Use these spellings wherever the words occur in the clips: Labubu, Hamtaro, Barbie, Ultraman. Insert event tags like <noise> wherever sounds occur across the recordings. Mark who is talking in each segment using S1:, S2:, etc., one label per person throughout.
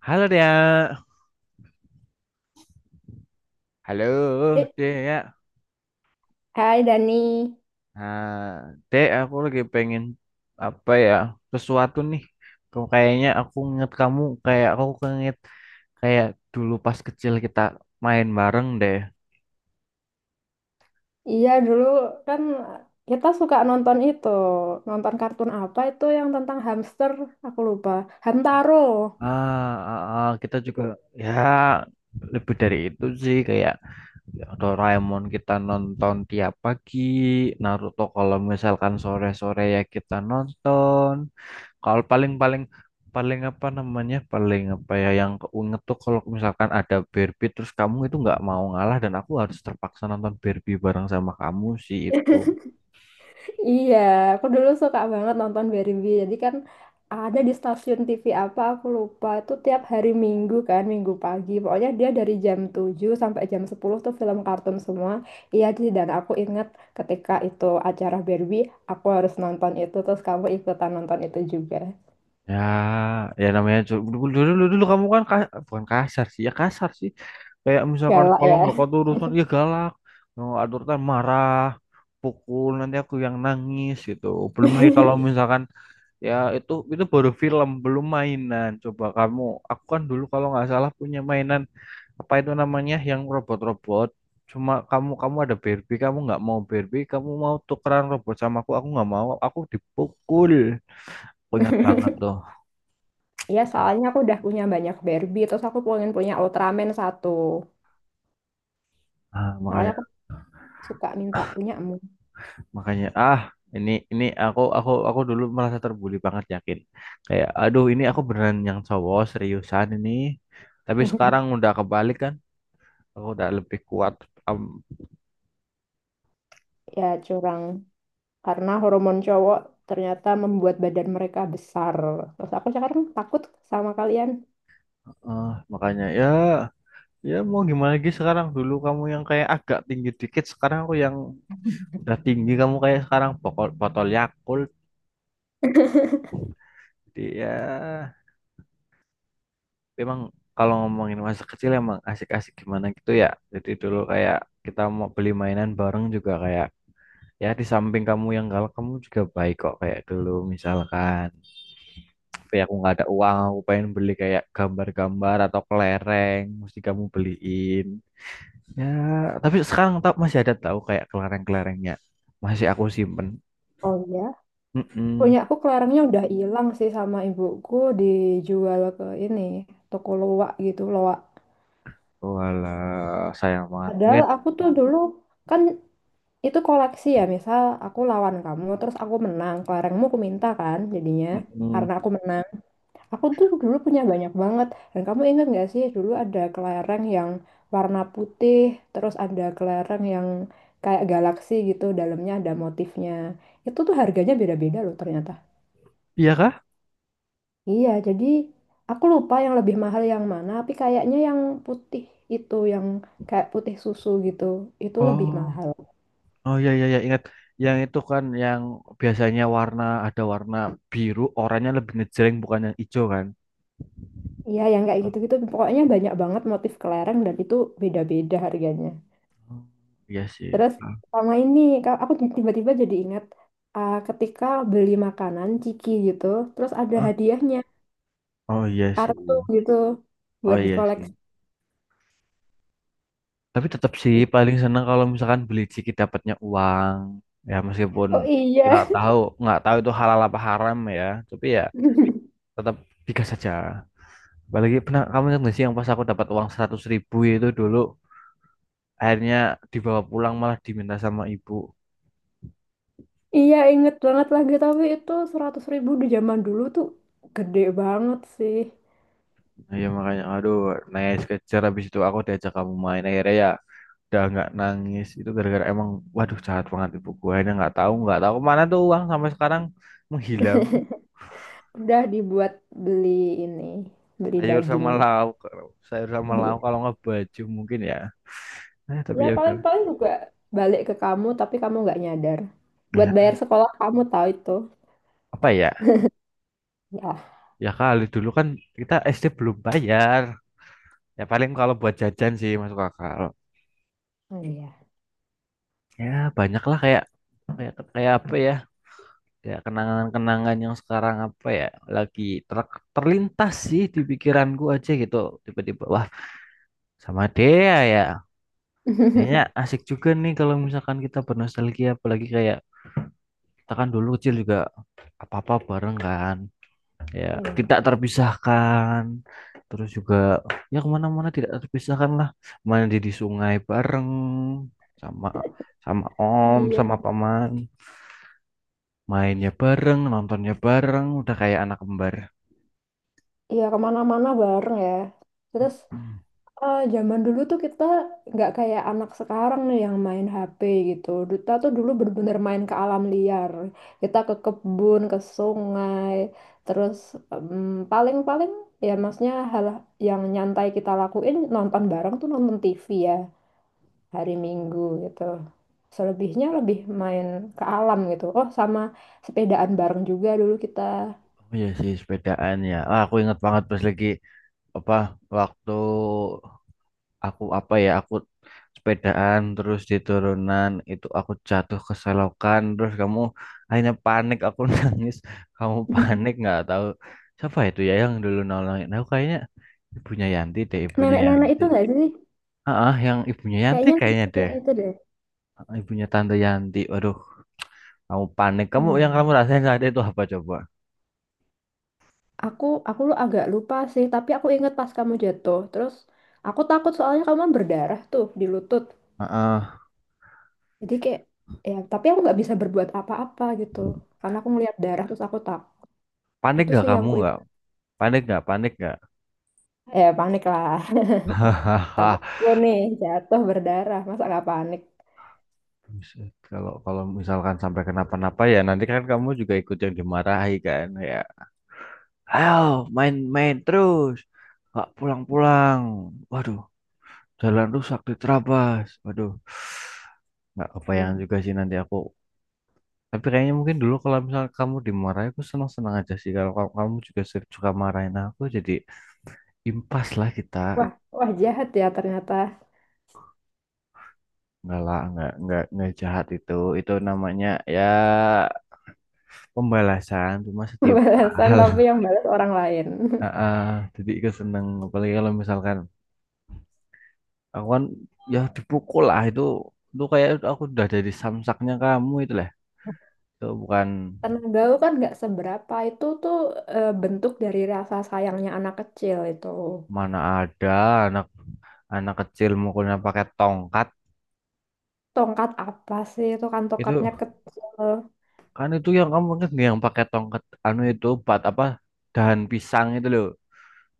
S1: Halo Dea. Halo
S2: Eh,
S1: Dea.
S2: hai Dani,
S1: Nah, Dea aku lagi pengen apa ya? Sesuatu nih. Kayaknya aku inget kamu, kayak aku nginget kayak dulu pas kecil kita main bareng deh.
S2: iya dulu kan kita suka nonton itu, nonton kartun apa itu yang tentang hamster, aku lupa, Hamtaro.
S1: Ah, ah, ah, kita juga, ya lebih dari itu sih, kayak ya, Doraemon kita nonton tiap pagi, Naruto kalau misalkan sore-sore ya kita nonton. Kalau paling-paling paling apa namanya? Paling apa ya yang keinget tuh kalau misalkan ada Barbie terus kamu itu nggak mau ngalah dan aku harus terpaksa nonton Barbie bareng sama kamu sih itu.
S2: <laughs> Iya, aku dulu suka banget nonton Barbie, jadi kan ada di stasiun TV apa, aku lupa, itu tiap hari Minggu kan, Minggu pagi, pokoknya dia dari jam 7 sampai jam 10 tuh film kartun semua, iya Ci, dan aku ingat ketika itu acara Barbie, aku harus nonton itu, terus kamu ikutan nonton itu juga,
S1: Ya, ya namanya dulu dulu dulu, dulu kamu kan bukan kasar sih, ya kasar sih. Kayak misalkan
S2: galak
S1: kalau nggak
S2: ya.
S1: kau urusan, ya galak, nggak aturkan marah, pukul nanti aku yang nangis gitu. Belum lagi kalau
S2: <laughs>
S1: misalkan ya itu baru film, belum mainan. Coba kamu, aku kan dulu kalau nggak salah punya mainan apa itu namanya yang robot-robot. Cuma kamu kamu ada Barbie, kamu nggak mau Barbie, kamu mau tukeran robot sama aku nggak mau, aku dipukul. Aku ingat banget tuh.
S2: Iya, soalnya aku udah punya banyak Barbie, terus aku pengen punya Ultraman satu.
S1: Ah,
S2: Makanya
S1: makanya.
S2: aku suka minta punya emu. <laughs>
S1: Makanya ini aku dulu merasa terbuli banget yakin. Kayak aduh ini aku beneran yang cowok seriusan ini. Tapi sekarang udah kebalik kan. Aku udah lebih kuat. Am-
S2: Ya, curang. Karena hormon cowok ternyata membuat badan mereka besar. Terus aku sekarang takut sama kalian.
S1: eh, makanya ya ya mau gimana lagi sekarang, dulu kamu yang kayak agak tinggi dikit, sekarang aku yang udah tinggi, kamu kayak sekarang botol botol Yakult
S2: <laughs>
S1: dia. Memang kalau ngomongin masa kecil emang asik-asik gimana gitu ya. Jadi dulu kayak kita mau beli mainan bareng juga, kayak ya di samping kamu yang galak kamu juga baik kok, kayak dulu misalkan tapi aku nggak ada uang, aku pengen beli kayak gambar-gambar atau kelereng, mesti kamu beliin, ya. Tapi sekarang tau masih ada, tahu kayak kelereng-kelerengnya masih aku simpen.
S2: Oh iya.
S1: mm
S2: Punya aku kelerengnya udah hilang sih sama ibuku dijual ke ini, toko loak gitu, loak.
S1: Walah, sayang banget
S2: Padahal
S1: mungkin.
S2: aku tuh dulu kan itu koleksi ya, misal aku lawan kamu, terus aku menang, kelerengmu aku minta kan jadinya,
S1: Mm-mm.
S2: karena aku menang. Aku tuh dulu punya banyak banget, dan kamu ingat gak sih dulu ada kelereng yang warna putih, terus ada kelereng yang kayak galaksi gitu, dalamnya ada motifnya. Itu tuh harganya beda-beda loh ternyata.
S1: Iya kah?
S2: Iya, jadi aku lupa yang lebih mahal yang mana, tapi kayaknya yang putih itu, yang kayak putih susu gitu, itu lebih
S1: Oh,
S2: mahal.
S1: oh ya ya ya ingat, yang itu kan yang biasanya warna, ada warna biru, oranye, lebih ngejreng, bukan yang hijau kan?
S2: Iya, yang kayak
S1: Oh,
S2: gitu-gitu pokoknya banyak banget motif kelereng dan itu beda-beda harganya.
S1: iya sih.
S2: Terus
S1: Ah,
S2: sama ini aku tiba-tiba jadi ingat ketika beli makanan ciki gitu, terus ada
S1: ah.
S2: hadiahnya,
S1: Oh iya sih.
S2: kartu gitu
S1: Oh
S2: buat
S1: iya
S2: dikoleksi.
S1: sih. Tapi tetap sih paling seneng kalau misalkan beli ciki dapatnya uang. Ya meskipun
S2: Oh iya.
S1: nggak tahu nggak tahu itu halal apa haram ya. Tapi ya
S2: <laughs>
S1: tetap digas saja. Apalagi pernah kamu ingat nggak sih yang pas aku dapat uang 100 ribu itu dulu, akhirnya dibawa pulang malah diminta sama ibu.
S2: Iya, inget banget lagi tapi itu 100.000 di zaman dulu tuh gede banget sih.
S1: Nah, ya makanya aduh, naik kejar habis itu aku diajak kamu main, akhirnya ya udah nggak nangis itu gara-gara emang. Waduh, jahat banget ibu gua, akhirnya nggak tahu kemana tuh uang sampai sekarang menghilang.
S2: <laughs> Udah dibuat beli ini, beli
S1: Sayur
S2: daging.
S1: sama lauk, sayur sama lauk, kalau nggak baju mungkin ya. Tapi
S2: Ya
S1: ya udah.
S2: paling-paling juga balik ke kamu tapi kamu nggak nyadar. Buat
S1: Ya,
S2: bayar sekolah kamu tahu itu.
S1: apa ya,
S2: Ya.
S1: ya kali dulu kan kita SD belum bayar, ya paling kalau buat jajan sih masuk akal
S2: Oh iya,
S1: ya. Banyak lah kayak kayak kayak apa ya, ya kenangan-kenangan yang sekarang apa ya lagi terlintas sih di pikiranku aja gitu. Tiba-tiba wah, sama Dea ya, kayaknya
S2: <laughs>
S1: asik juga nih kalau misalkan kita bernostalgia, apalagi kayak kita kan dulu kecil juga apa-apa bareng kan, ya
S2: iya.
S1: tidak terpisahkan. Terus juga ya kemana-mana tidak terpisahkan lah, mandi di sungai bareng sama sama om
S2: Iya.
S1: sama paman, mainnya bareng, nontonnya bareng, udah kayak anak kembar.
S2: Iya kemana-mana bareng ya. Terus
S1: Hmm.
S2: eh, zaman dulu tuh kita nggak kayak anak sekarang nih yang main HP gitu. Duta tuh dulu bener-bener main ke alam liar. Kita ke kebun, ke sungai. Terus em, paling-paling ya maksudnya hal yang nyantai kita lakuin nonton bareng tuh nonton TV ya. Hari Minggu gitu. Selebihnya lebih main ke alam gitu. Oh, sama sepedaan bareng juga dulu kita.
S1: Oh iya sih, sepedaan ya. Ah, aku ingat banget pas lagi apa, waktu aku apa ya, aku sepedaan terus di turunan itu aku jatuh ke selokan, terus kamu akhirnya panik, aku <laughs> nangis, kamu panik
S2: <laughs>
S1: nggak tahu siapa itu ya yang dulu nolongin aku, kayaknya ibunya Yanti deh, ibunya
S2: Nenek-nenek
S1: Yanti.
S2: itu nggak sih?
S1: Ah, yang ibunya Yanti
S2: Kayaknya
S1: kayaknya deh.
S2: nenek-nenek itu deh.
S1: Ah, ibunya tante Yanti. Waduh, kamu panik,
S2: Oh
S1: kamu
S2: iya
S1: yang kamu
S2: ya.
S1: rasain saat itu apa coba?
S2: Aku agak lupa sih, tapi aku inget pas kamu jatuh. Terus aku takut soalnya kamu kan berdarah tuh di lutut.
S1: Ah, ah.
S2: Jadi kayak ya, tapi aku nggak bisa berbuat apa-apa gitu. Karena aku ngeliat darah terus aku tak.
S1: Panik
S2: Itu
S1: nggak?
S2: sih yang
S1: Kamu
S2: ku
S1: nggak
S2: ingat.
S1: panik nggak? Panik nggak?
S2: Eh, panik lah. <laughs>
S1: <laughs> Hahaha.
S2: Temanku nih jatuh berdarah, masa nggak panik?
S1: Buset, kalau kalau misalkan sampai kenapa-napa ya, nanti kan kamu juga ikut yang dimarahi kan ya. Ayo main-main terus, nggak pulang-pulang. Waduh, jalan rusak diterabas. Waduh, nggak kebayang
S2: Iya.
S1: juga sih nanti aku. Tapi kayaknya mungkin dulu kalau misalnya kamu dimarahi aku senang-senang aja sih. Kalau kamu kamu juga suka marahin aku, jadi impas lah kita.
S2: Wah, wah jahat ya ternyata.
S1: Enggak lah, enggak jahat itu. Itu namanya ya pembalasan, cuma
S2: <laughs> Balasan tapi
S1: setimpal.
S2: yang balas orang lain.
S1: Ah,
S2: <laughs>
S1: ah, jadi ikut seneng, apalagi kalau misalkan aku kan ya dipukul lah itu kayak aku udah dari samsaknya kamu itu lah, itu bukan.
S2: Tenaga lu kan nggak seberapa itu tuh eh, bentuk dari rasa sayangnya anak kecil itu.
S1: Mana ada anak anak kecil mukulnya pakai tongkat.
S2: Tongkat apa sih itu kan tongkatnya
S1: Itu
S2: kecil.
S1: kan itu, yang kamu ingat nggak yang pakai tongkat anu itu buat apa, dahan pisang itu loh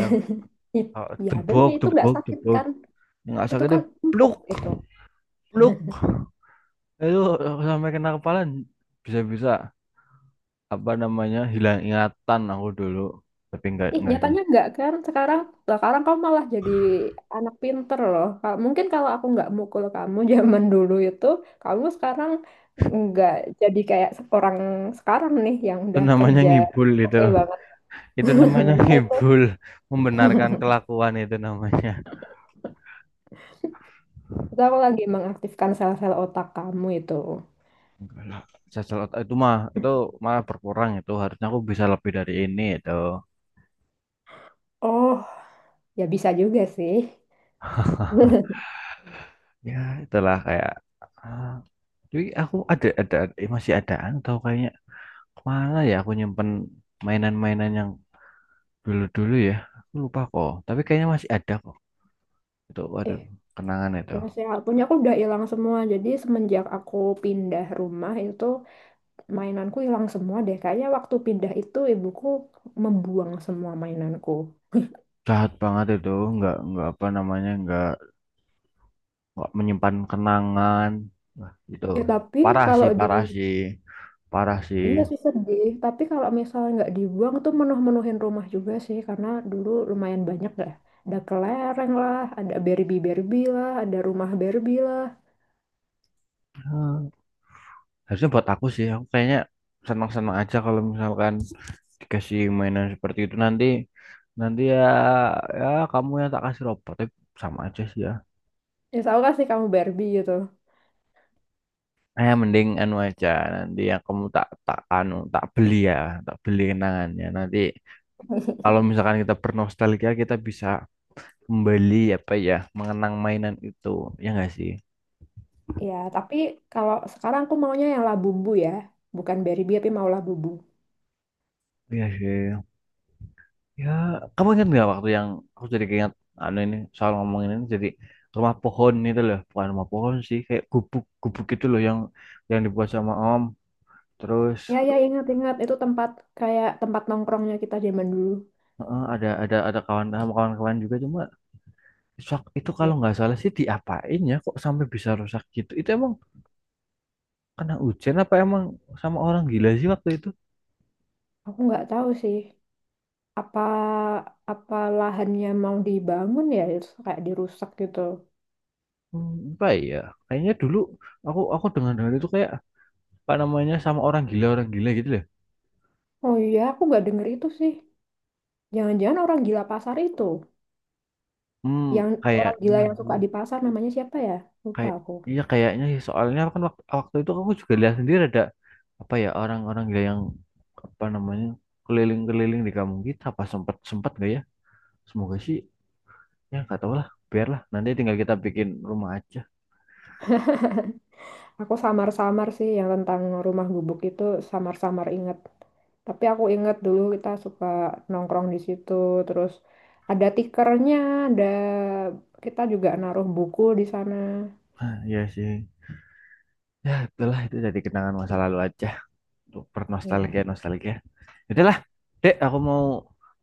S1: yang,
S2: It- Ya bener
S1: debok
S2: itu nggak
S1: debok
S2: sakit
S1: debok,
S2: kan?
S1: yang nggak
S2: Itu
S1: sakit itu,
S2: kan
S1: pluk,
S2: empuk itu.
S1: pluk. Itu aku sampai kena kepala, bisa-bisa apa namanya hilang ingatan aku dulu, tapi enggak
S2: Ih,
S1: enggak sih.
S2: nyatanya enggak kan? Sekarang, sekarang kamu malah jadi anak pinter loh. Mungkin kalau aku nggak mukul kamu <laughs> zaman dulu itu, kamu sekarang nggak jadi kayak orang sekarang nih yang
S1: Itu
S2: udah
S1: namanya
S2: kerja
S1: ngibul itu
S2: oke banget.
S1: itu
S2: <laughs>
S1: namanya
S2: Iya
S1: ngibul, membenarkan kelakuan itu namanya.
S2: itu aku lagi mengaktifkan sel-sel otak kamu itu.
S1: Enggak lah, cacat otak itu mah itu, malah berkurang itu, harusnya aku bisa lebih dari ini itu.
S2: Oh, ya bisa juga sih.
S1: <laughs>
S2: <laughs>
S1: Ya itulah kayak, ah, tapi aku ada, masih adaan atau kayaknya kemana ya aku nyimpen mainan-mainan yang dulu-dulu ya, aku lupa kok tapi kayaknya masih ada kok itu.
S2: Eh,
S1: Waduh, kenangan itu.
S2: terus ya, punya aku udah hilang semua. Jadi semenjak aku pindah rumah itu. Mainanku hilang semua deh. Kayaknya waktu pindah itu ibuku membuang semua mainanku.
S1: Jahat banget itu, nggak apa namanya, nggak menyimpan kenangan gitu.
S2: Ya, tapi
S1: Parah sih,
S2: kalau di
S1: parah sih, parah sih.
S2: iya sih sedih. Tapi kalau misalnya nggak dibuang tuh menuh-menuhin rumah juga sih, karena dulu lumayan banyak dah. Ada kelereng lah, ada Barbie Barbie lah, ada rumah Barbie lah.
S1: Hmm, harusnya buat aku sih, aku kayaknya senang-senang aja kalau misalkan dikasih mainan seperti itu, nanti nanti ya, ya kamu yang tak kasih robot, tapi sama aja sih ya.
S2: Ya tau gak sih kamu Barbie gitu.
S1: Eh mending anu aja, nanti yang kamu tak tak anu tak beli ya, tak beli kenangannya. Nanti kalau misalkan kita bernostalgia kita bisa kembali apa ya mengenang mainan itu, ya nggak sih?
S2: Ya tapi kalau sekarang aku maunya yang Labubu ya, bukan Barbie tapi mau Labubu.
S1: Iya sih, ya kamu ingat nggak waktu yang, aku jadi keinget anu ini soal ngomongin ini, jadi rumah pohon itu loh, bukan rumah pohon sih kayak gubuk gubuk itu loh, yang dibuat sama om terus.
S2: Ya ya ingat-ingat itu tempat kayak tempat nongkrongnya kita zaman dulu.
S1: Heeh, ada kawan sama kawan-kawan juga, cuma itu kalau nggak salah sih diapain ya kok sampai bisa rusak gitu, itu emang kena hujan apa emang sama orang gila sih waktu itu.
S2: Aku nggak tahu sih apa apa lahannya mau dibangun ya terus kayak dirusak gitu.
S1: Hmm, apa ya, kayaknya dulu aku dengar dengar itu kayak pak namanya sama orang gila, orang gila gitu loh.
S2: Oh iya, aku nggak denger itu sih. Jangan-jangan orang gila pasar itu.
S1: Hmm,
S2: Yang orang
S1: kayaknya
S2: gila yang
S1: sih.
S2: suka di pasar namanya siapa ya? Lupa
S1: Kayak
S2: aku.
S1: iya kayaknya sih, soalnya kan waktu itu aku juga lihat sendiri ada apa ya orang-orang gila yang apa namanya keliling-keliling di kampung kita, apa sempat sempat gak ya, semoga sih, ya nggak tahu lah, biarlah nanti tinggal kita bikin rumah aja.
S2: Aku samar-samar sih yang tentang rumah gubuk itu samar-samar inget. Tapi aku inget dulu kita suka nongkrong di situ terus ada tikernya, ada kita juga naruh buku di sana.
S1: Hah, iya sih, ya itulah, itu jadi kenangan masa lalu aja untuk
S2: Iya.
S1: bernostalgia nostalgia. Itulah dek, aku mau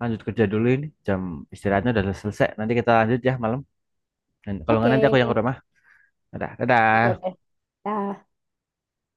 S1: lanjut kerja dulu ini, jam istirahatnya udah selesai, nanti kita lanjut ya malam. Dan kalau nggak nanti
S2: Oke.
S1: aku yang ke rumah. Dadah,
S2: Oke, oke.
S1: dadah.
S2: Dah.